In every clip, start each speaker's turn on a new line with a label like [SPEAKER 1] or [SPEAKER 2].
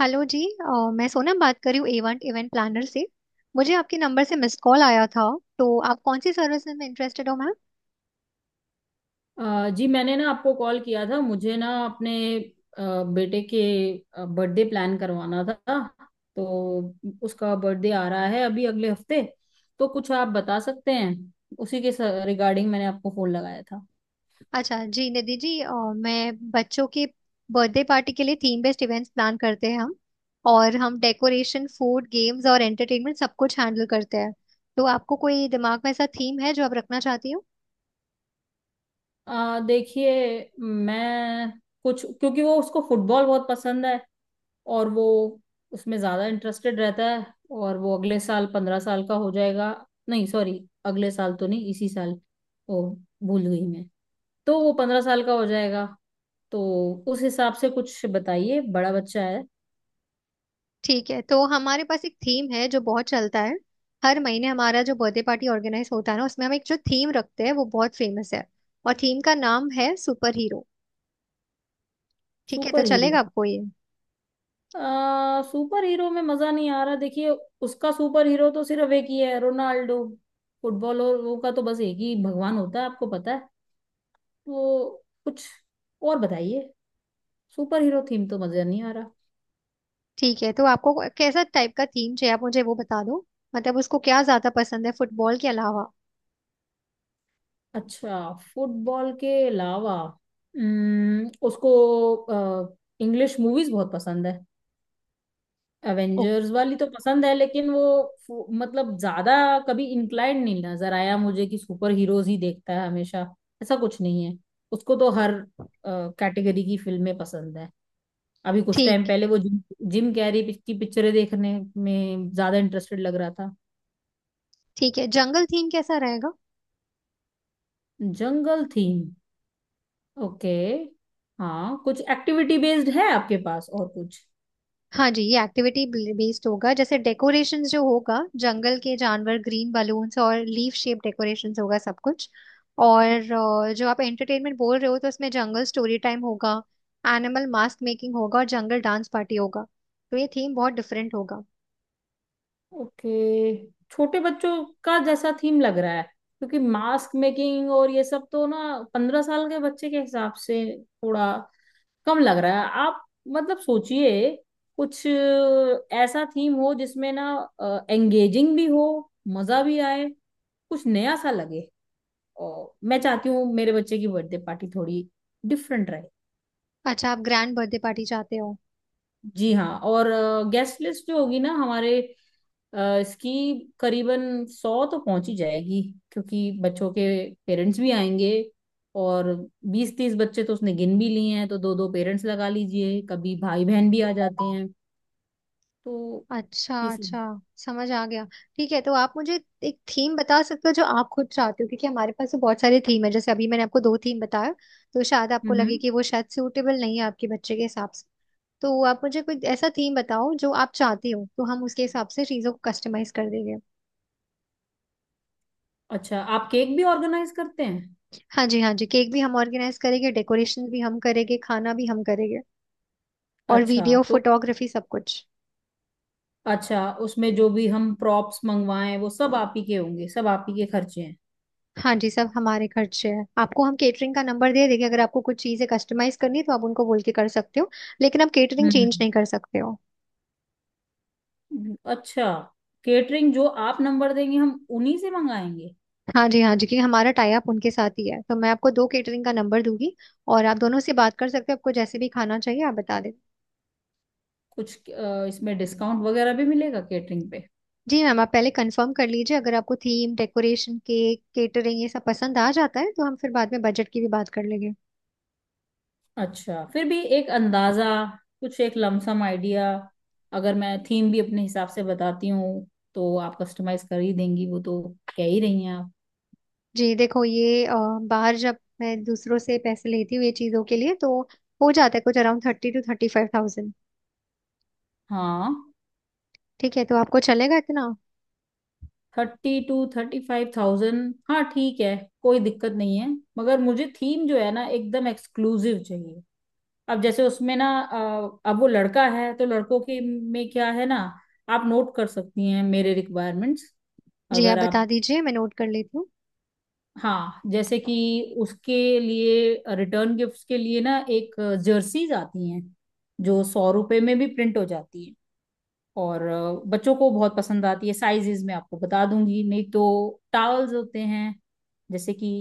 [SPEAKER 1] Hello जी मैं सोनम बात कर रही हूँ इवेंट इवेंट प्लानर से। मुझे आपके नंबर से मिस कॉल आया था। तो आप कौन सी सर्विस में इंटरेस्टेड हो मैम।
[SPEAKER 2] जी, मैंने ना आपको कॉल किया था। मुझे ना अपने बेटे के बर्थडे प्लान करवाना था। तो उसका बर्थडे आ रहा है अभी अगले हफ्ते। तो कुछ आप बता सकते हैं उसी के रिगार्डिंग। मैंने आपको फोन लगाया था।
[SPEAKER 1] अच्छा जी निधि जी, मैं बच्चों के बर्थडे पार्टी के लिए थीम बेस्ड इवेंट्स प्लान करते हैं हम। और हम डेकोरेशन, फूड, गेम्स और एंटरटेनमेंट सब कुछ हैंडल करते हैं। तो आपको कोई दिमाग में ऐसा थीम है जो आप रखना चाहती हो?
[SPEAKER 2] देखिए, मैं कुछ, क्योंकि वो, उसको फुटबॉल बहुत पसंद है और वो उसमें ज़्यादा इंटरेस्टेड रहता है। और वो अगले साल 15 साल का हो जाएगा। नहीं सॉरी, अगले साल तो नहीं, इसी साल। ओ, भूल गई मैं। तो वो 15 साल का हो जाएगा। तो उस हिसाब से कुछ बताइए, बड़ा बच्चा है।
[SPEAKER 1] ठीक है, तो हमारे पास एक थीम है जो बहुत चलता है। हर महीने हमारा जो बर्थडे पार्टी ऑर्गेनाइज होता है ना, उसमें हम एक जो थीम रखते हैं वो बहुत फेमस है। और थीम का नाम है सुपर हीरो। ठीक है, तो
[SPEAKER 2] सुपर हीरो।
[SPEAKER 1] चलेगा आपको ये?
[SPEAKER 2] सुपर हीरो में मजा नहीं आ रहा, देखिए। उसका सुपर हीरो तो सिर्फ एक ही है, रोनाल्डो। फुटबॉलरों का तो बस एक ही भगवान होता है, आपको पता है। तो कुछ और बताइए। सुपर हीरो थीम तो मजा नहीं आ रहा।
[SPEAKER 1] ठीक है, तो आपको कैसा टाइप का थीम चाहिए आप मुझे वो बता दो। मतलब उसको क्या ज्यादा पसंद है फुटबॉल के अलावा?
[SPEAKER 2] अच्छा, फुटबॉल के अलावा उसको इंग्लिश मूवीज बहुत पसंद है।
[SPEAKER 1] ओ,
[SPEAKER 2] एवेंजर्स वाली तो पसंद है, लेकिन वो मतलब ज्यादा कभी इंक्लाइंड नहीं नजर आया मुझे कि सुपर हीरोज ही देखता है हमेशा। ऐसा कुछ नहीं है। उसको तो हर कैटेगरी की फिल्में पसंद है। अभी कुछ टाइम
[SPEAKER 1] ठीक।
[SPEAKER 2] पहले वो जिम जिम कैरी की पिक्चरें देखने में ज्यादा इंटरेस्टेड लग रहा था।
[SPEAKER 1] ठीक है, जंगल थीम कैसा रहेगा?
[SPEAKER 2] जंगल थीम। ओके। हाँ, कुछ एक्टिविटी बेस्ड है आपके पास और कुछ?
[SPEAKER 1] हाँ जी, ये एक्टिविटी बेस्ड होगा। जैसे डेकोरेशंस जो होगा, जंगल के जानवर, ग्रीन बलून्स और लीफ शेप डेकोरेशंस होगा सब कुछ। और जो आप एंटरटेनमेंट बोल रहे हो तो उसमें जंगल स्टोरी टाइम होगा, एनिमल मास्क मेकिंग होगा और जंगल डांस पार्टी होगा। तो ये थीम बहुत डिफरेंट होगा।
[SPEAKER 2] ओके। छोटे बच्चों का जैसा थीम लग रहा है, क्योंकि मास्क मेकिंग और ये सब तो ना 15 साल के बच्चे के हिसाब से थोड़ा कम लग रहा है, आप मतलब सोचिए कुछ ऐसा थीम हो जिसमें ना एंगेजिंग भी हो, मजा भी आए, कुछ नया सा लगे। और मैं चाहती हूँ मेरे बच्चे की बर्थडे पार्टी थोड़ी डिफरेंट रहे।
[SPEAKER 1] अच्छा, आप ग्रैंड बर्थडे पार्टी चाहते हो?
[SPEAKER 2] जी हाँ, और गेस्ट लिस्ट जो होगी ना हमारे इसकी, करीबन 100 तो पहुंच ही जाएगी। क्योंकि बच्चों के पेरेंट्स भी आएंगे, और 20-30 बच्चे तो उसने गिन भी लिए हैं, तो दो दो पेरेंट्स लगा लीजिए, कभी भाई बहन भी आ जाते हैं। तो
[SPEAKER 1] अच्छा,
[SPEAKER 2] ये सब।
[SPEAKER 1] अच्छा, समझ आ गया। ठीक है, तो आप मुझे एक थीम बता सकते हो जो आप खुद चाहते हो, क्योंकि हमारे पास तो बहुत सारे थीम है। जैसे अभी मैंने आपको दो थीम बताया तो शायद आपको लगे
[SPEAKER 2] हम्म।
[SPEAKER 1] कि वो शायद सूटेबल नहीं है आपके बच्चे के हिसाब से। तो आप मुझे कोई ऐसा थीम बताओ जो आप चाहते हो, तो हम उसके हिसाब से चीज़ों को कस्टमाइज कर देंगे।
[SPEAKER 2] अच्छा, आप केक भी ऑर्गेनाइज करते हैं?
[SPEAKER 1] हाँ जी, हाँ जी, केक भी हम ऑर्गेनाइज करेंगे, डेकोरेशन भी हम करेंगे, खाना भी हम करेंगे। और
[SPEAKER 2] अच्छा
[SPEAKER 1] वीडियो
[SPEAKER 2] तो।
[SPEAKER 1] फोटोग्राफी सब कुछ।
[SPEAKER 2] अच्छा, उसमें जो भी हम प्रॉप्स मंगवाएं वो सब आप ही के होंगे, सब आप ही के खर्चे हैं?
[SPEAKER 1] हाँ जी, सब हमारे खर्चे हैं। आपको हम केटरिंग का नंबर दे देंगे, अगर आपको कुछ चीजें कस्टमाइज करनी है तो आप उनको बोल के कर सकते हो। लेकिन आप केटरिंग चेंज
[SPEAKER 2] हम्म,
[SPEAKER 1] नहीं कर सकते हो।
[SPEAKER 2] अच्छा। केटरिंग जो आप नंबर देंगे हम उन्हीं से मंगाएंगे।
[SPEAKER 1] हाँ जी, हाँ जी, क्योंकि हमारा टाई अप उनके साथ ही है, तो मैं आपको दो केटरिंग का नंबर दूंगी। और आप दोनों से बात कर सकते हो, आपको जैसे भी खाना चाहिए आप बता दें।
[SPEAKER 2] कुछ इसमें डिस्काउंट वगैरह भी मिलेगा केटरिंग पे?
[SPEAKER 1] जी मैम, आप पहले कंफर्म कर लीजिए। अगर आपको थीम, डेकोरेशन, केक, केटरिंग ये सब पसंद आ जाता है तो हम फिर बाद में बजट की भी बात कर लेंगे।
[SPEAKER 2] अच्छा, फिर भी एक अंदाजा, कुछ एक लमसम आइडिया? अगर मैं थीम भी अपने हिसाब से बताती हूँ, तो आप कस्टमाइज कर ही देंगी, वो तो कह ही रही हैं आप।
[SPEAKER 1] जी देखो ये बाहर जब मैं दूसरों से पैसे लेती हूँ ये चीज़ों के लिए, तो हो जाता है कुछ around thirty to thirty five thousand.
[SPEAKER 2] हाँ।
[SPEAKER 1] ठीक है, तो आपको चलेगा इतना?
[SPEAKER 2] 32,000-35,000। हाँ ठीक है, कोई दिक्कत नहीं है। मगर मुझे थीम जो है ना, एकदम एक्सक्लूसिव चाहिए। अब जैसे उसमें ना अब वो लड़का है, तो लड़कों के में क्या है ना। आप नोट कर सकती हैं मेरे रिक्वायरमेंट्स,
[SPEAKER 1] जी,
[SPEAKER 2] अगर
[SPEAKER 1] आप बता
[SPEAKER 2] आप।
[SPEAKER 1] दीजिए मैं नोट कर लेती हूँ।
[SPEAKER 2] हाँ जैसे कि उसके लिए रिटर्न गिफ्ट्स के लिए ना, एक जर्सीज आती हैं जो 100 रुपए में भी प्रिंट हो जाती है और बच्चों को बहुत पसंद आती है, साइजेस मैं आपको बता दूंगी। नहीं तो टावल्स होते हैं, जैसे कि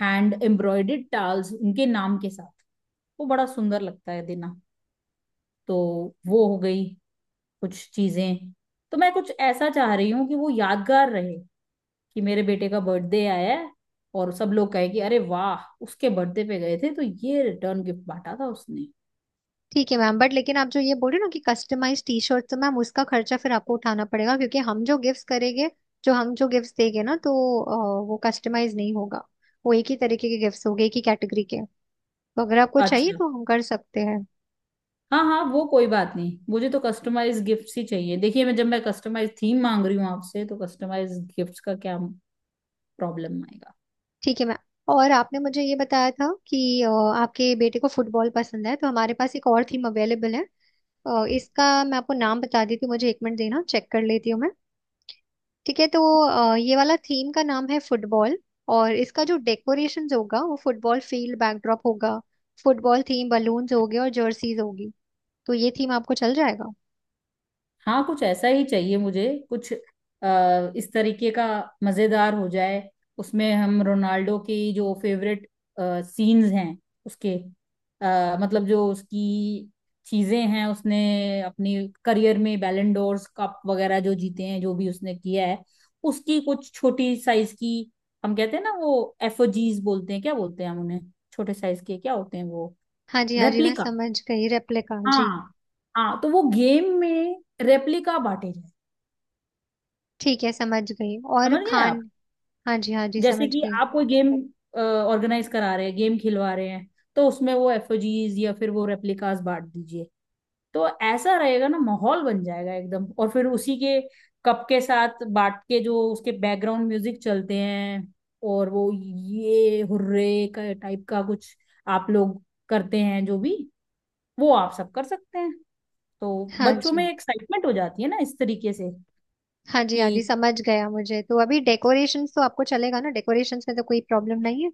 [SPEAKER 2] हैंड एम्ब्रॉयडेड टावल्स उनके नाम के साथ, वो बड़ा सुंदर लगता है देना। तो वो हो गई कुछ चीजें। तो मैं कुछ ऐसा चाह रही हूँ कि वो यादगार रहे, कि मेरे बेटे का बर्थडे आया है और सब लोग कहे कि अरे वाह, उसके बर्थडे पे गए थे तो ये रिटर्न गिफ्ट बांटा था उसने।
[SPEAKER 1] ठीक है मैम, बट लेकिन आप जो ये बोल रहे हो ना कि कस्टमाइज टी शर्ट, तो मैम उसका खर्चा फिर आपको उठाना पड़ेगा। क्योंकि हम जो गिफ्ट करेंगे, जो हम जो गिफ्ट देंगे ना तो वो कस्टमाइज नहीं होगा। वो एक ही तरीके के गिफ्ट होंगे, एक ही कैटेगरी के। तो अगर आपको चाहिए
[SPEAKER 2] अच्छा।
[SPEAKER 1] तो हम कर सकते हैं।
[SPEAKER 2] हाँ हाँ, वो कोई बात नहीं, मुझे तो कस्टमाइज गिफ्ट्स ही चाहिए। देखिए, मैं जब मैं कस्टमाइज थीम मांग रही हूँ आपसे, तो कस्टमाइज गिफ्ट्स का क्या प्रॉब्लम आएगा?
[SPEAKER 1] ठीक है मैम। और आपने मुझे ये बताया था कि आपके बेटे को फुटबॉल पसंद है, तो हमारे पास एक और थीम अवेलेबल है। इसका मैं आपको नाम बता देती हूँ, मुझे एक मिनट देना चेक कर लेती हूँ मैं। ठीक है, तो ये वाला थीम का नाम है फुटबॉल। और इसका जो डेकोरेशन होगा वो फुटबॉल फील्ड बैकड्रॉप होगा, फुटबॉल थीम बलून्स होंगे और जर्सीज होगी। तो ये थीम आपको चल जाएगा।
[SPEAKER 2] हाँ, कुछ ऐसा ही चाहिए मुझे, कुछ इस तरीके का, मजेदार हो जाए। उसमें हम रोनाल्डो की जो फेवरेट सीन्स हैं उसके, मतलब जो उसकी चीजें हैं, उसने अपनी करियर में बैलन डोर्स कप वगैरह जो जीते हैं, जो भी उसने किया है, उसकी कुछ छोटी साइज की, हम कहते हैं ना वो एफओजीज बोलते हैं, क्या बोलते हैं हम उन्हें, छोटे साइज के क्या होते हैं वो।
[SPEAKER 1] हाँ जी, हाँ जी, मैं
[SPEAKER 2] रेप्लिका।
[SPEAKER 1] समझ गई, रेप्लिका जी।
[SPEAKER 2] हाँ। हाँ, तो वो गेम में रेप्लिका बांटे जाए।
[SPEAKER 1] ठीक है, समझ गई। और
[SPEAKER 2] समझ गए आप?
[SPEAKER 1] खान? हाँ जी, हाँ जी,
[SPEAKER 2] जैसे
[SPEAKER 1] समझ
[SPEAKER 2] कि
[SPEAKER 1] गई।
[SPEAKER 2] आप कोई गेम ऑर्गेनाइज करा रहे हैं, गेम खिलवा रहे हैं, तो उसमें वो एफओजीज या फिर वो रेप्लिकास बांट दीजिए, तो ऐसा रहेगा ना, माहौल बन जाएगा एकदम। और फिर उसी के कप के साथ बांट के जो उसके बैकग्राउंड म्यूजिक चलते हैं, और वो ये हुर्रे का टाइप का कुछ आप लोग करते हैं, जो भी, वो आप सब कर सकते हैं। तो
[SPEAKER 1] हाँ
[SPEAKER 2] बच्चों में
[SPEAKER 1] जी,
[SPEAKER 2] एक्साइटमेंट हो जाती है ना इस तरीके से।
[SPEAKER 1] हाँ जी,
[SPEAKER 2] कि
[SPEAKER 1] हाँ जी, समझ गया। मुझे तो अभी डेकोरेशंस तो आपको चलेगा ना, डेकोरेशंस में तो कोई प्रॉब्लम नहीं है?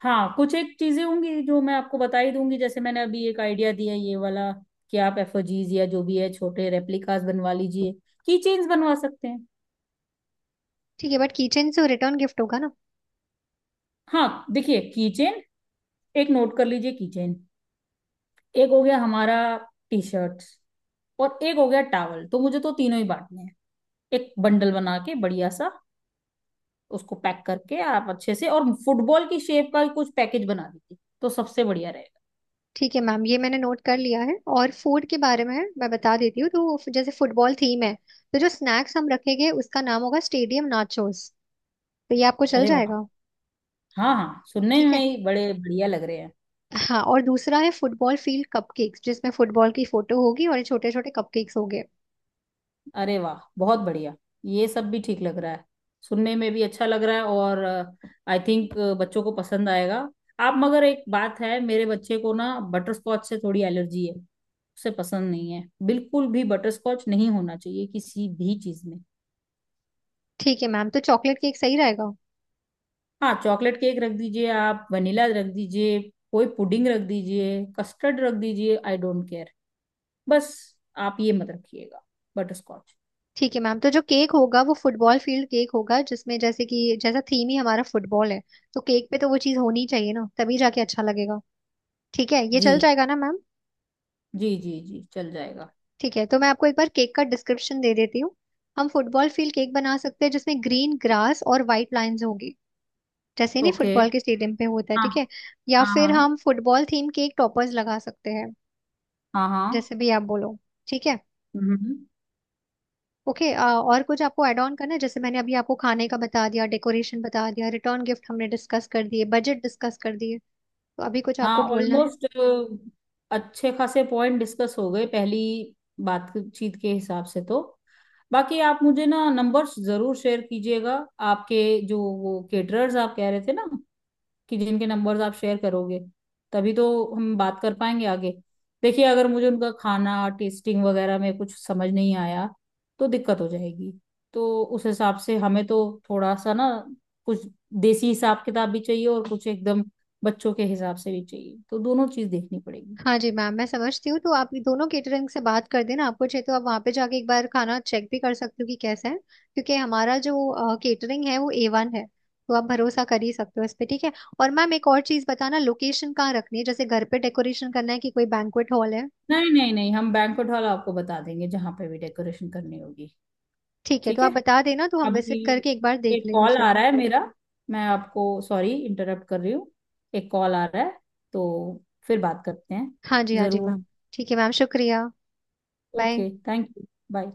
[SPEAKER 2] हाँ, कुछ एक चीजें होंगी जो मैं आपको बता ही दूंगी, जैसे मैंने अभी एक आइडिया दिया ये वाला, कि आप एफओजीज या जो भी है छोटे रेप्लिकास बनवा लीजिए, की चेन्स बनवा सकते हैं।
[SPEAKER 1] ठीक है, बट किचन से रिटर्न गिफ्ट होगा ना।
[SPEAKER 2] हाँ देखिए, की चेन, एक नोट कर लीजिए, की चेन एक हो गया हमारा, टी शर्ट और एक हो गया टॉवल, तो मुझे तो तीनों ही बांटने हैं, एक बंडल बना के बढ़िया सा उसको पैक करके, आप अच्छे से और फुटबॉल की शेप का कुछ पैकेज बना दीजिए, तो सबसे बढ़िया रहेगा।
[SPEAKER 1] ठीक है मैम, ये मैंने नोट कर लिया है। और फूड के बारे में मैं बता देती हूँ, तो जैसे फुटबॉल थीम है, तो जो स्नैक्स हम रखेंगे उसका नाम होगा स्टेडियम नाचोस। तो ये आपको चल
[SPEAKER 2] अरे वाह!
[SPEAKER 1] जाएगा?
[SPEAKER 2] हाँ हाँ, सुनने
[SPEAKER 1] ठीक
[SPEAKER 2] में
[SPEAKER 1] है।
[SPEAKER 2] ही बड़े बढ़िया लग रहे हैं।
[SPEAKER 1] हाँ, और दूसरा है फुटबॉल फील्ड कपकेक्स, जिसमें फुटबॉल की फोटो होगी और छोटे छोटे कपकेक्स होंगे।
[SPEAKER 2] अरे वाह, बहुत बढ़िया, ये सब भी ठीक लग रहा है, सुनने में भी अच्छा लग रहा है। और आई थिंक बच्चों को पसंद आएगा। आप, मगर एक बात है, मेरे बच्चे को ना बटर स्कॉच से थोड़ी एलर्जी है, उसे पसंद नहीं है बिल्कुल भी, बटर स्कॉच नहीं होना चाहिए किसी भी चीज में।
[SPEAKER 1] ठीक है मैम, तो चॉकलेट केक सही रहेगा।
[SPEAKER 2] हाँ, चॉकलेट केक रख दीजिए, आप वनीला रख दीजिए, कोई पुडिंग रख दीजिए, कस्टर्ड रख दीजिए, आई डोंट केयर। बस आप ये मत रखिएगा, बटर स्कॉच।
[SPEAKER 1] ठीक है मैम, तो जो केक होगा वो फुटबॉल फील्ड केक होगा। जिसमें जैसे कि जैसा थीम ही हमारा फुटबॉल है, तो केक पे तो वो चीज़ होनी चाहिए ना, तभी जाके अच्छा लगेगा। ठीक है, ये
[SPEAKER 2] जी
[SPEAKER 1] चल जाएगा ना मैम?
[SPEAKER 2] जी जी जी चल जाएगा।
[SPEAKER 1] ठीक है, तो मैं आपको एक बार केक का डिस्क्रिप्शन दे देती हूँ। हम फुटबॉल फील्ड केक बना सकते हैं जिसमें ग्रीन ग्रास और वाइट लाइंस होगी, जैसे नहीं
[SPEAKER 2] ओके।
[SPEAKER 1] फुटबॉल के स्टेडियम पे होता है,
[SPEAKER 2] हाँ
[SPEAKER 1] ठीक है? या
[SPEAKER 2] हाँ।
[SPEAKER 1] फिर हम
[SPEAKER 2] हाँ
[SPEAKER 1] फुटबॉल थीम के एक टॉपर्स लगा सकते हैं,
[SPEAKER 2] हाँ हाँ।
[SPEAKER 1] जैसे भी आप बोलो। ठीक है।
[SPEAKER 2] हम्म।
[SPEAKER 1] ओके, और कुछ आपको ऐड ऑन करना है? जैसे मैंने अभी आपको खाने का बता दिया, डेकोरेशन बता दिया, रिटर्न गिफ्ट हमने डिस्कस कर दिए, बजट डिस्कस कर दिए। तो अभी कुछ
[SPEAKER 2] हाँ,
[SPEAKER 1] आपको बोलना है?
[SPEAKER 2] ऑलमोस्ट अच्छे खासे पॉइंट डिस्कस हो गए पहली बातचीत के हिसाब से, तो बाकी आप मुझे ना नंबर्स जरूर शेयर कीजिएगा आपके, जो वो केटरर्स आप कह रहे थे ना, कि जिनके नंबर्स आप शेयर करोगे तभी तो हम बात कर पाएंगे आगे। देखिए, अगर मुझे उनका खाना टेस्टिंग वगैरह में कुछ समझ नहीं आया, तो दिक्कत हो जाएगी। तो उस हिसाब से हमें तो थोड़ा सा ना कुछ देसी हिसाब किताब भी चाहिए, और कुछ एकदम बच्चों के हिसाब से भी चाहिए, तो दोनों चीज देखनी पड़ेगी।
[SPEAKER 1] हाँ जी मैम, मैं समझती हूँ। तो आप ये दोनों केटरिंग से बात कर देना, आपको चाहिए तो आप वहाँ पे जाके एक बार खाना चेक भी कर सकते हो कि कैसा है। क्योंकि हमारा जो केटरिंग है वो A1 है, तो आप भरोसा कर ही सकते हो इस पे, ठीक है? और मैम एक और चीज़ बताना, लोकेशन कहाँ रखनी है? जैसे घर पे डेकोरेशन करना है कि कोई बैंक्वेट हॉल है?
[SPEAKER 2] नहीं नहीं नहीं, हम बैंक्वेट हॉल आपको बता देंगे जहाँ पे भी डेकोरेशन करनी होगी।
[SPEAKER 1] ठीक है, तो
[SPEAKER 2] ठीक है।
[SPEAKER 1] आप बता देना, तो हम विजिट
[SPEAKER 2] अभी
[SPEAKER 1] करके एक बार देख
[SPEAKER 2] एक
[SPEAKER 1] लेंगे
[SPEAKER 2] कॉल आ
[SPEAKER 1] फिर।
[SPEAKER 2] रहा है मेरा, मैं आपको सॉरी इंटरप्ट कर रही हूँ, एक कॉल आ रहा है, तो फिर बात करते हैं।
[SPEAKER 1] हाँ जी, हाँ जी
[SPEAKER 2] जरूर।
[SPEAKER 1] मैम। ठीक है मैम, शुक्रिया। Bye.
[SPEAKER 2] Okay, thank you. Bye.